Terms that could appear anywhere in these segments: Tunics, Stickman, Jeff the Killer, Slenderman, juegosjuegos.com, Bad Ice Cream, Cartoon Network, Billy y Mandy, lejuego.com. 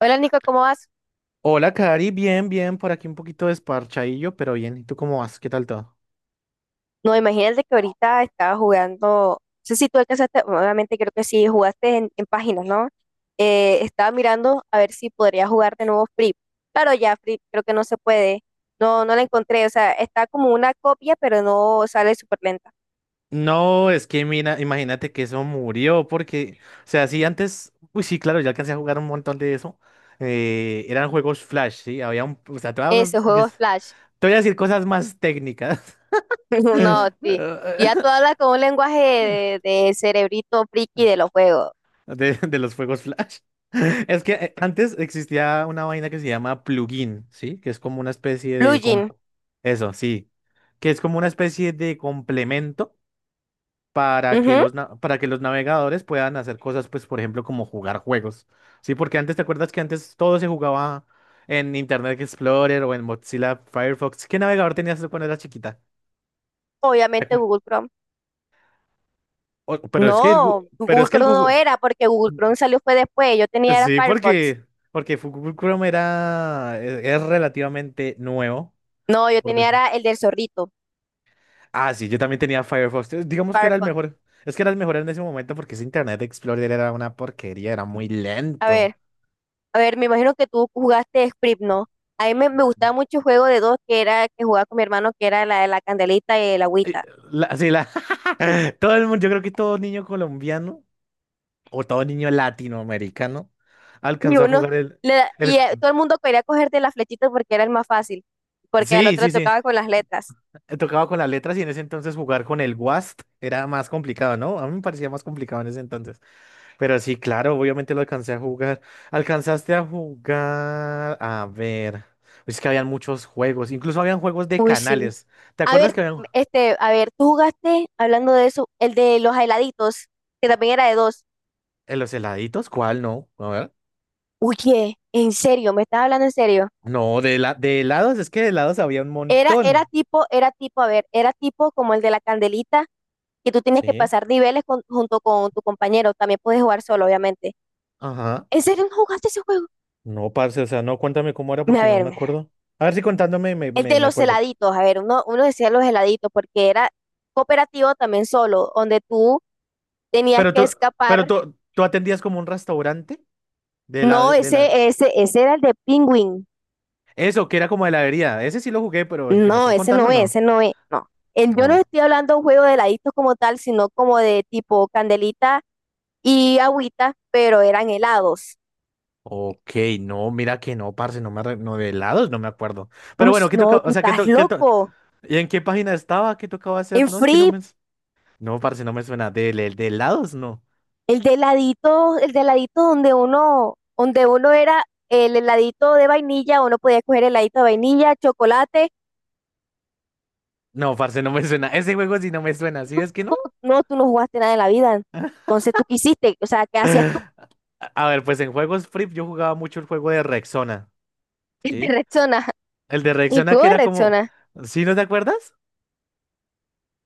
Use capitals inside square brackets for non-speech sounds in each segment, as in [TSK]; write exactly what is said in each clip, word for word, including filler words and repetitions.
Hola Nico, ¿cómo vas? Hola, Cari, bien, bien, por aquí un poquito desparchadillo, pero bien. ¿Y tú cómo vas? ¿Qué tal todo? No, imagínate que ahorita estaba jugando, no sé si tú alcanzaste, obviamente creo que sí, jugaste en, en páginas, ¿no? Eh, estaba mirando a ver si podría jugar de nuevo Free. Claro, ya Free creo que no se puede, no, no la encontré, o sea, está como una copia, pero no sale súper lenta. No, es que mira, imagínate que eso murió, porque, o sea, sí, antes, uy, sí, claro, yo alcancé a jugar un montón de eso. Eh, eran juegos Flash, sí, había un, o sea, te voy a, Ese juego des- es Flash, te voy a decir cosas más técnicas. [LAUGHS] no, sí, ya tú [LAUGHS] hablas con un lenguaje de, de cerebrito friki de los juegos. de, de los fuegos flash. [LAUGHS] Es que eh, antes existía una vaina que se llama plugin, ¿sí? Que es como una especie de... com- Plugin, Eso, sí. Que es como una especie de complemento para que ujú. los, na- para que los navegadores puedan hacer cosas, pues, por ejemplo, como jugar juegos, ¿sí? Porque antes, ¿te acuerdas que antes todo se jugaba en Internet Explorer o en Mozilla Firefox? ¿Qué navegador tenías tú cuando eras chiquita? Obviamente Acá. Google Chrome. O- pero es que el, Gu- No, pero Google es que el Chrome no Google... era, porque Google Chrome salió fue después. Yo tenía era Sí, Firefox. porque, porque Google Chrome era, es, es relativamente nuevo. No, yo Por tenía decir- era el del zorrito, Ah, sí, yo también tenía Firefox. eh, Digamos que era el Firefox. mejor. Es que era el mejor en ese momento porque ese Internet Explorer era una porquería, era muy A lento. ver, a ver, me imagino que tú jugaste Script, ¿no? A mí me, me gustaba mucho el juego de dos que era que jugaba con mi hermano, que era la de la candelita y el Eh, agüita. La, sí, la, [LAUGHS] todo el mundo, yo creo que todo niño colombiano o todo niño latinoamericano Y alcanzó a uno, jugar el, le da- y el... eh, todo el mundo quería cogerte la flechita porque era el más fácil, porque al Sí, otro le sí, sí. tocaba con las letras. eh, Tocaba con las letras y en ese entonces jugar con el W A S D era más complicado, ¿no? A mí me parecía más complicado en ese entonces. Pero sí, claro, obviamente lo alcancé a jugar. Alcanzaste a jugar. A ver. Es que habían muchos juegos. Incluso habían juegos de Uy, sí. canales. ¿Te A ver, acuerdas que habían este, a ver, tú jugaste, hablando de eso, el de los heladitos, que también era de dos. en los heladitos? ¿Cuál no? A ver. Oye, en serio, me estás hablando en serio. No, de, la... de helados, es que de helados había un Era, era montón. tipo, era tipo, a ver, era tipo como el de la candelita, que tú tienes que Sí. pasar niveles con- junto con tu compañero. También puedes jugar solo, obviamente. Ajá. ¿En serio no jugaste ese juego? No, parce, o sea, no, cuéntame cómo era A porque no me ver, acuerdo. A ver si contándome me, el me, de me los acuerdo. heladitos, a ver, uno, uno decía los heladitos, porque era cooperativo también solo, donde tú tenías Pero que tú, pero escapar. tú, tú atendías como un restaurante de la, No, de la... ese, ese, ese era el de Penguin. Eso, que era como heladería. Ese sí lo jugué, pero el que me No, estás ese no contando, es, no. ese no es, no. El- yo no No. estoy hablando de un juego de heladitos como tal, sino como de tipo candelita y agüita, pero eran helados. Ok, no, mira que no, parce, no me arre- no de helados, no me acuerdo. Pero Uy, bueno, ¿qué no, tocaba? tú O sea, ¿qué estás to- qué to- loco. ¿Y en qué página estaba? ¿Qué tocaba hacer? En No, es que no Free, me. No, parce, no me suena. ¿De, de, de helados? No. el de heladito, el de heladito donde uno, donde uno era el heladito de vainilla, uno podía escoger heladito de vainilla, chocolate. No, parce, no me suena. Ese juego sí no me suena, ¿sí? No, Es que no. no, no, tú no jugaste nada en la vida. Entonces, ¿tú qué hiciste? O sea, ¿qué hacías tú? [LAUGHS] [LAUGHS] A ver, pues en juegos free yo jugaba mucho el juego de Rexona, El de ¿sí? Rexona. El de El Rexona cubo que de era como. Rexona. ¿Sí no te acuerdas?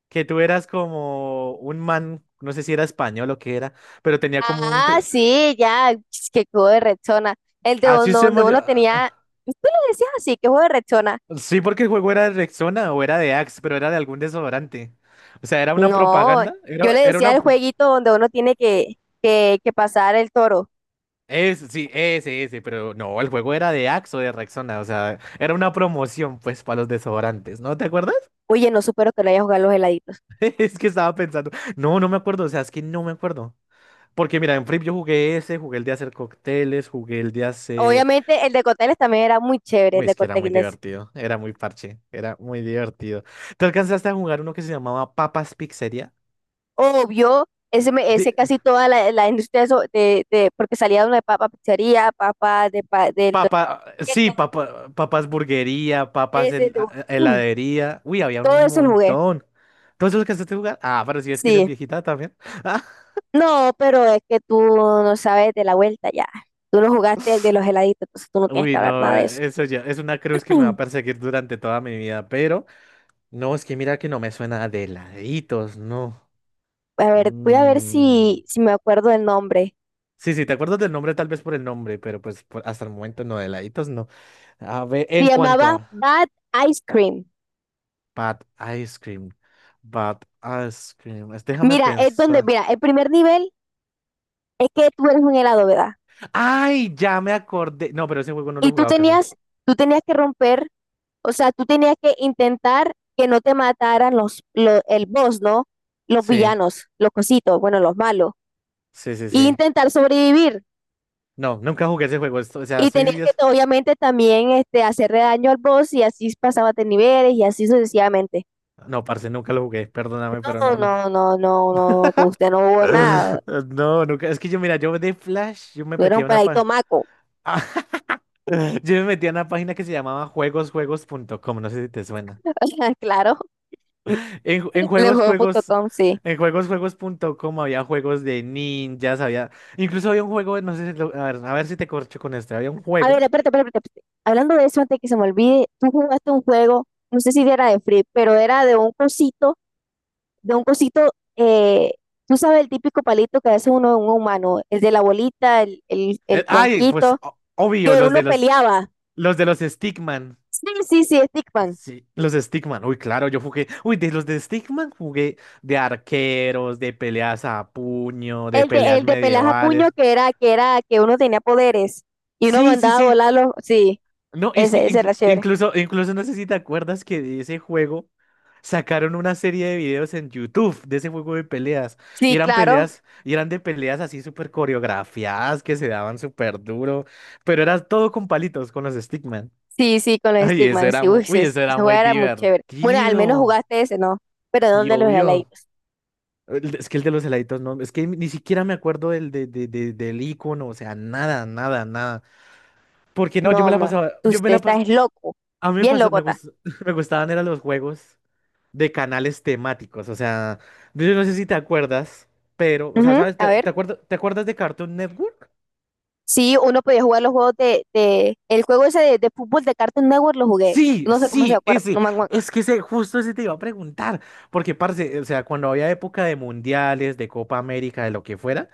Que tú eras como un man, no sé si era español o qué era, pero tenía como un. Ah, sí, ya, [TSK] qué juego de rechona. El de Así uno- se Donde llama. uno tenía, ah, tú le decías así, qué juego de rechona. Sí, porque el juego era de Rexona o era de Axe, pero era de algún desodorante. O sea, era una No, propaganda, yo le era, era decía una... el jueguito donde uno tiene que, que, que pasar el toro. Es, sí, ese, ese, pero no, el juego era de Axe o de Rexona, o sea, era una promoción, pues, para los desodorantes, ¿no? ¿Te acuerdas? [LAUGHS] Oye, no supero que lo haya jugado los heladitos. Es que estaba pensando, no, no me acuerdo, o sea, es que no me acuerdo. Porque mira, en Flip yo jugué ese, jugué el de hacer cócteles, jugué el de hacer... Obviamente el de cócteles también era muy chévere, el Uy, de es que era muy cócteles. divertido, era muy parche, era muy divertido. ¿Te alcanzaste a jugar uno que se llamaba Papas Pizzería? Obvio, ese, me- Sí, ese casi toda la, la industria de, eso- de, de- porque salía de una papa pizzería, papa de, pa, del Don Papa, Quijote, sí, papa, papas burguería, papas ese, el hel- de- a- mm, heladería. Uy, había todo un eso lo jugué. montón. ¿Todos los que has jugar? Ah, pero si es que eres Sí. viejita también. [LAUGHS] No, pero es que tú no sabes de la vuelta ya. Tú no jugaste el de los heladitos, entonces tú no tienes que Uy, hablar no, nada de eso. eh, eso ya es una cruz que me va a [CLEARS THROAT] perseguir durante toda mi vida, pero no, es que mira que no me suena de heladitos no. A ver, voy a ver Mm. si, si me acuerdo el nombre. Sí, sí, te acuerdas del nombre tal vez por el nombre, pero pues por- hasta el momento no, de laditos no. A ver, Se en cuanto llamaba a Bad Ice Cream. Bad Ice Cream, Bad Ice Cream, es- déjame Mira, es donde, pensar. mira, el primer nivel es que tú eres un helado, ¿verdad? Ay, ya me acordé. No, pero ese juego no lo Y he tú jugado casi. tenías, tú tenías que romper, o sea, tú tenías que intentar que no te mataran los, lo- el boss, ¿no? Los Sí, villanos, los cositos, bueno, los malos. sí, sí, Y sí. intentar sobrevivir. No, nunca jugué ese juego. Esto- o sea, Y estoy... tenías que, días- obviamente, también este, hacerle daño al boss y así pasabas de niveles y así sucesivamente. no, parce, nunca lo jugué. Perdóname, pero no, No, nunca. no, no, no, no, no, usted no hubo nada. [LAUGHS] No, nunca. Es que yo, mira, yo de Flash, yo me No era metí un a una paradito pa... maco. [LAUGHS] Yo me metí a una página que se llamaba juegos juegos punto com. No sé si te suena. [LAUGHS] Claro, En, ju- en juegos, juegos... lejuego punto com, sí. En juegos juegos punto com había juegos de ninjas, había... Incluso había un juego, no sé, si lo- a ver, a ver si te corcho con este. Había un A ver, juego... espérate, espérate, espérate. Hablando de eso, antes que se me olvide, tú jugaste un juego, no sé si era de Free, pero era de un cosito, de un cosito, eh, tú sabes el típico palito que hace uno un humano, el de la bolita, el, el, eh, el Ay, pues, tronquito, o- obvio, que los uno de los... peleaba. Los de los Stickman. Sí, sí, sí, Stickman. Sí. Los Stickman. Uy, claro, yo jugué. Uy, de los de Stickman jugué de arqueros, de peleas a puño, de El de, peleas el de pelaja a puño medievales. que era, que era, que uno tenía poderes y uno Sí, sí, mandaba a sí. volarlo. Sí, No, es que ese, ese era inclu- chévere. incluso, incluso no sé si te acuerdas que de ese juego sacaron una serie de videos en YouTube de ese juego de peleas. Y Sí, eran claro. peleas, y eran de peleas así súper coreografiadas que se daban súper duro. Pero era todo con palitos, con los Stickman. Sí, sí, con [LAUGHS] los Ay, eso Stickman, era sí, muy, uy, uy, sí, sí, eso era ese juego muy era muy chévere. Bueno, al menos divertido. jugaste ese, ¿no? Pero no el Y de los obvio. heladitos. el- de- Es que el de los heladitos no. Es que ni siquiera me acuerdo del, de, de- de- del icono. O sea, nada, nada, nada. Porque no, yo me No, la ma, pasaba. tú- Yo me usted la está pasaba. es loco, A mí me bien pasó, loco me está. gust- [LAUGHS] me gustaban eran los juegos de canales temáticos. O sea, yo no sé si te acuerdas, pero, o sea, Ujú. ¿sabes? A ¿Te, te ver, acuerdas, te acuerdas de Cartoon Network? sí, uno podía jugar los juegos de, de- el juego ese de, de fútbol de Cartoon Network lo jugué, Sí, no sé cómo se sí, acuerda, no ese. me acuerdo. Es que ese, justo ese te iba a preguntar. Porque, parce, o sea, cuando había época de mundiales, de Copa América, de lo que fuera,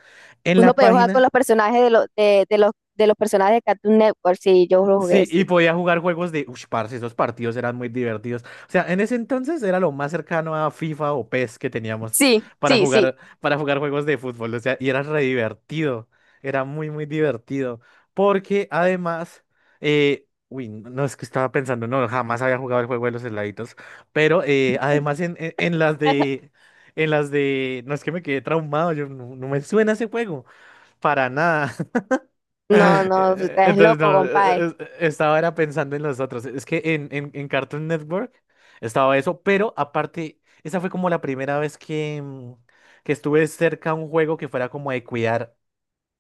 en Uno la podía jugar con página. los personajes de, los de, de los, de los personajes de Cartoon Network, sí, yo lo jugué, Sí, y sí. podía jugar juegos de... Ush, parce, esos partidos eran muy divertidos. O sea, en ese entonces era lo más cercano a FIFA o P E S que teníamos Sí, para sí, sí. jugar, para jugar juegos de fútbol. O sea, y era re divertido. Era muy, muy divertido. Porque además... eh, Uy, no no, es que estaba pensando, no, jamás había jugado el juego de los heladitos. Pero eh, además en, en, en las [LAUGHS] de... En las de... No es que me quedé traumado, yo no, no me suena ese juego. Para nada. [LAUGHS] No, no, usted es Entonces, loco, no, compadre. eh, eh, eh, estaba era pensando en los otros. Es que en, en, en Cartoon Network estaba eso, pero aparte, esa fue como la primera vez que, mm, que estuve cerca a un juego que fuera como de cuidar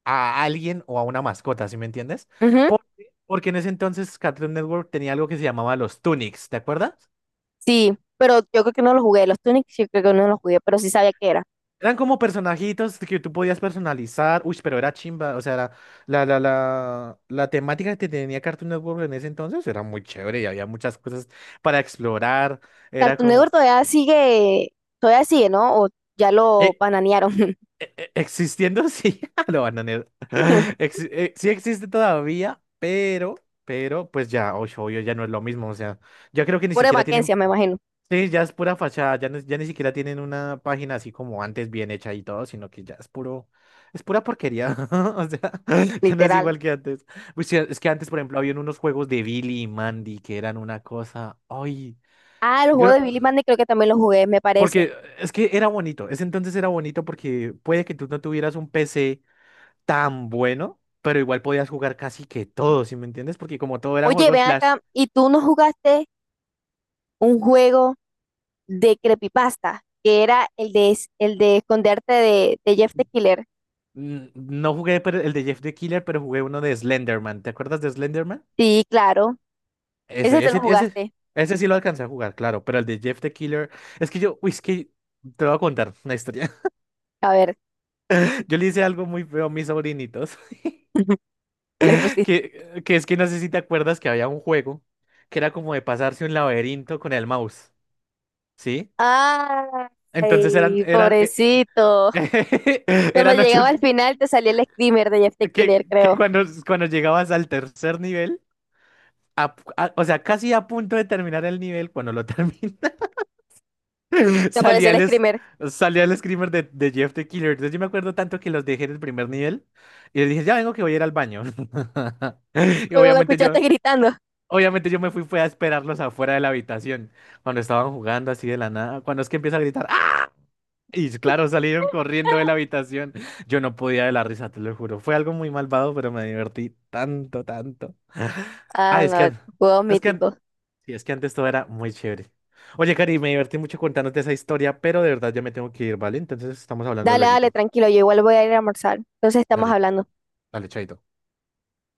a alguien o a una mascota, ¿sí me entiendes? Ujú. Porque, porque en ese entonces Cartoon Network tenía algo que se llamaba los Tunics, ¿te acuerdas? Sí, pero yo creo que no lo jugué. Los Tunics yo creo que no lo jugué, pero sí sabía que era. Eran como personajitos que tú podías personalizar. Uy, pero era chimba. O sea, era- la, la, la, la temática que tenía Cartoon Network en ese entonces era muy chévere y había muchas cosas para explorar. Era Cartoon Network como. todavía sigue, todavía sigue, ¿no? O ya lo eh, bananearon. e- e- Existiendo, sí, [LAUGHS] lo bananearon. [LAUGHS] [LAUGHS] Exi- eh, sí existe todavía, pero, pero, pues ya, oye, obvio, ya no es lo mismo. O sea, ya creo que ni Por siquiera tienen, Mackenzie, me imagino, sí, ya es pura fachada, ya, no- ya ni siquiera tienen una página así como antes bien hecha y todo, sino que ya es puro, es pura porquería. [LAUGHS] O sea, [LAUGHS] ya no es literal. igual que antes. Pues sí, es que antes, por ejemplo, había unos juegos de Billy y Mandy que eran una cosa, ay. Ah, el Yo juego no- de Billy Mandy creo que también lo jugué, me parece. porque es que era bonito, ese entonces era bonito porque puede que tú no tuvieras un P C tan bueno, pero igual podías jugar casi que todo, ¿sí me entiendes? Porque como todo eran Oye, juegos ven Flash, acá, ¿y tú no jugaste un juego de creepypasta? Que era el de, es- el de esconderte de, de Jeff the Killer. mm, no jugué pero el de Jeff the Killer, pero jugué uno de Slenderman. ¿Te acuerdas de Slenderman? Sí, claro. Ese Ese, te lo ese, ese, jugaste. ese sí lo alcancé a jugar, claro, pero el de Jeff the Killer, es que yo, uy, es que te voy a contar una historia. [LAUGHS] A ver, Yo le hice algo muy feo a mis sobrinitos, [LAUGHS] ¿qué le [LAUGHS] pusiste? que, que es que no sé si te acuerdas que había un juego que era como de pasarse un laberinto con el mouse, ¿sí? Entonces eran, Ay, eran, eh, pobrecito. [LAUGHS] Cuando eran ocho, llegaba al final te salía el screamer de Jeff the Killer, que, que creo. cuando, cuando llegabas al tercer nivel, a- a- o sea, casi a punto de terminar el nivel, cuando lo terminas, [LAUGHS] Te apareció salía el el, es- screamer salía el screamer de, de Jeff the Killer. Entonces yo me acuerdo tanto que los dejé en el primer nivel y les dije, ya vengo que voy a ir al baño. [LAUGHS] [LAUGHS] Y cuando lo obviamente escuchaste yo, gritando. obviamente yo me fui, fue a esperarlos afuera de la habitación, cuando estaban jugando así de la nada, cuando es que empieza a gritar, ¡ah! Y claro, salieron corriendo de la [LAUGHS] habitación. Yo no podía de la risa, te lo juro. Fue algo muy malvado, pero me divertí tanto, tanto. Ah, Ah, es que, no, an- juegos es que, an- míticos. sí, es que antes todo era muy chévere. Oye, Cari, me divertí mucho contándote esa historia, pero de verdad ya me tengo que ir, ¿vale? Entonces estamos hablando Dale, dale, lueguito. tranquilo, yo igual voy a ir a almorzar. Entonces estamos Dale, hablando. dale, chaito.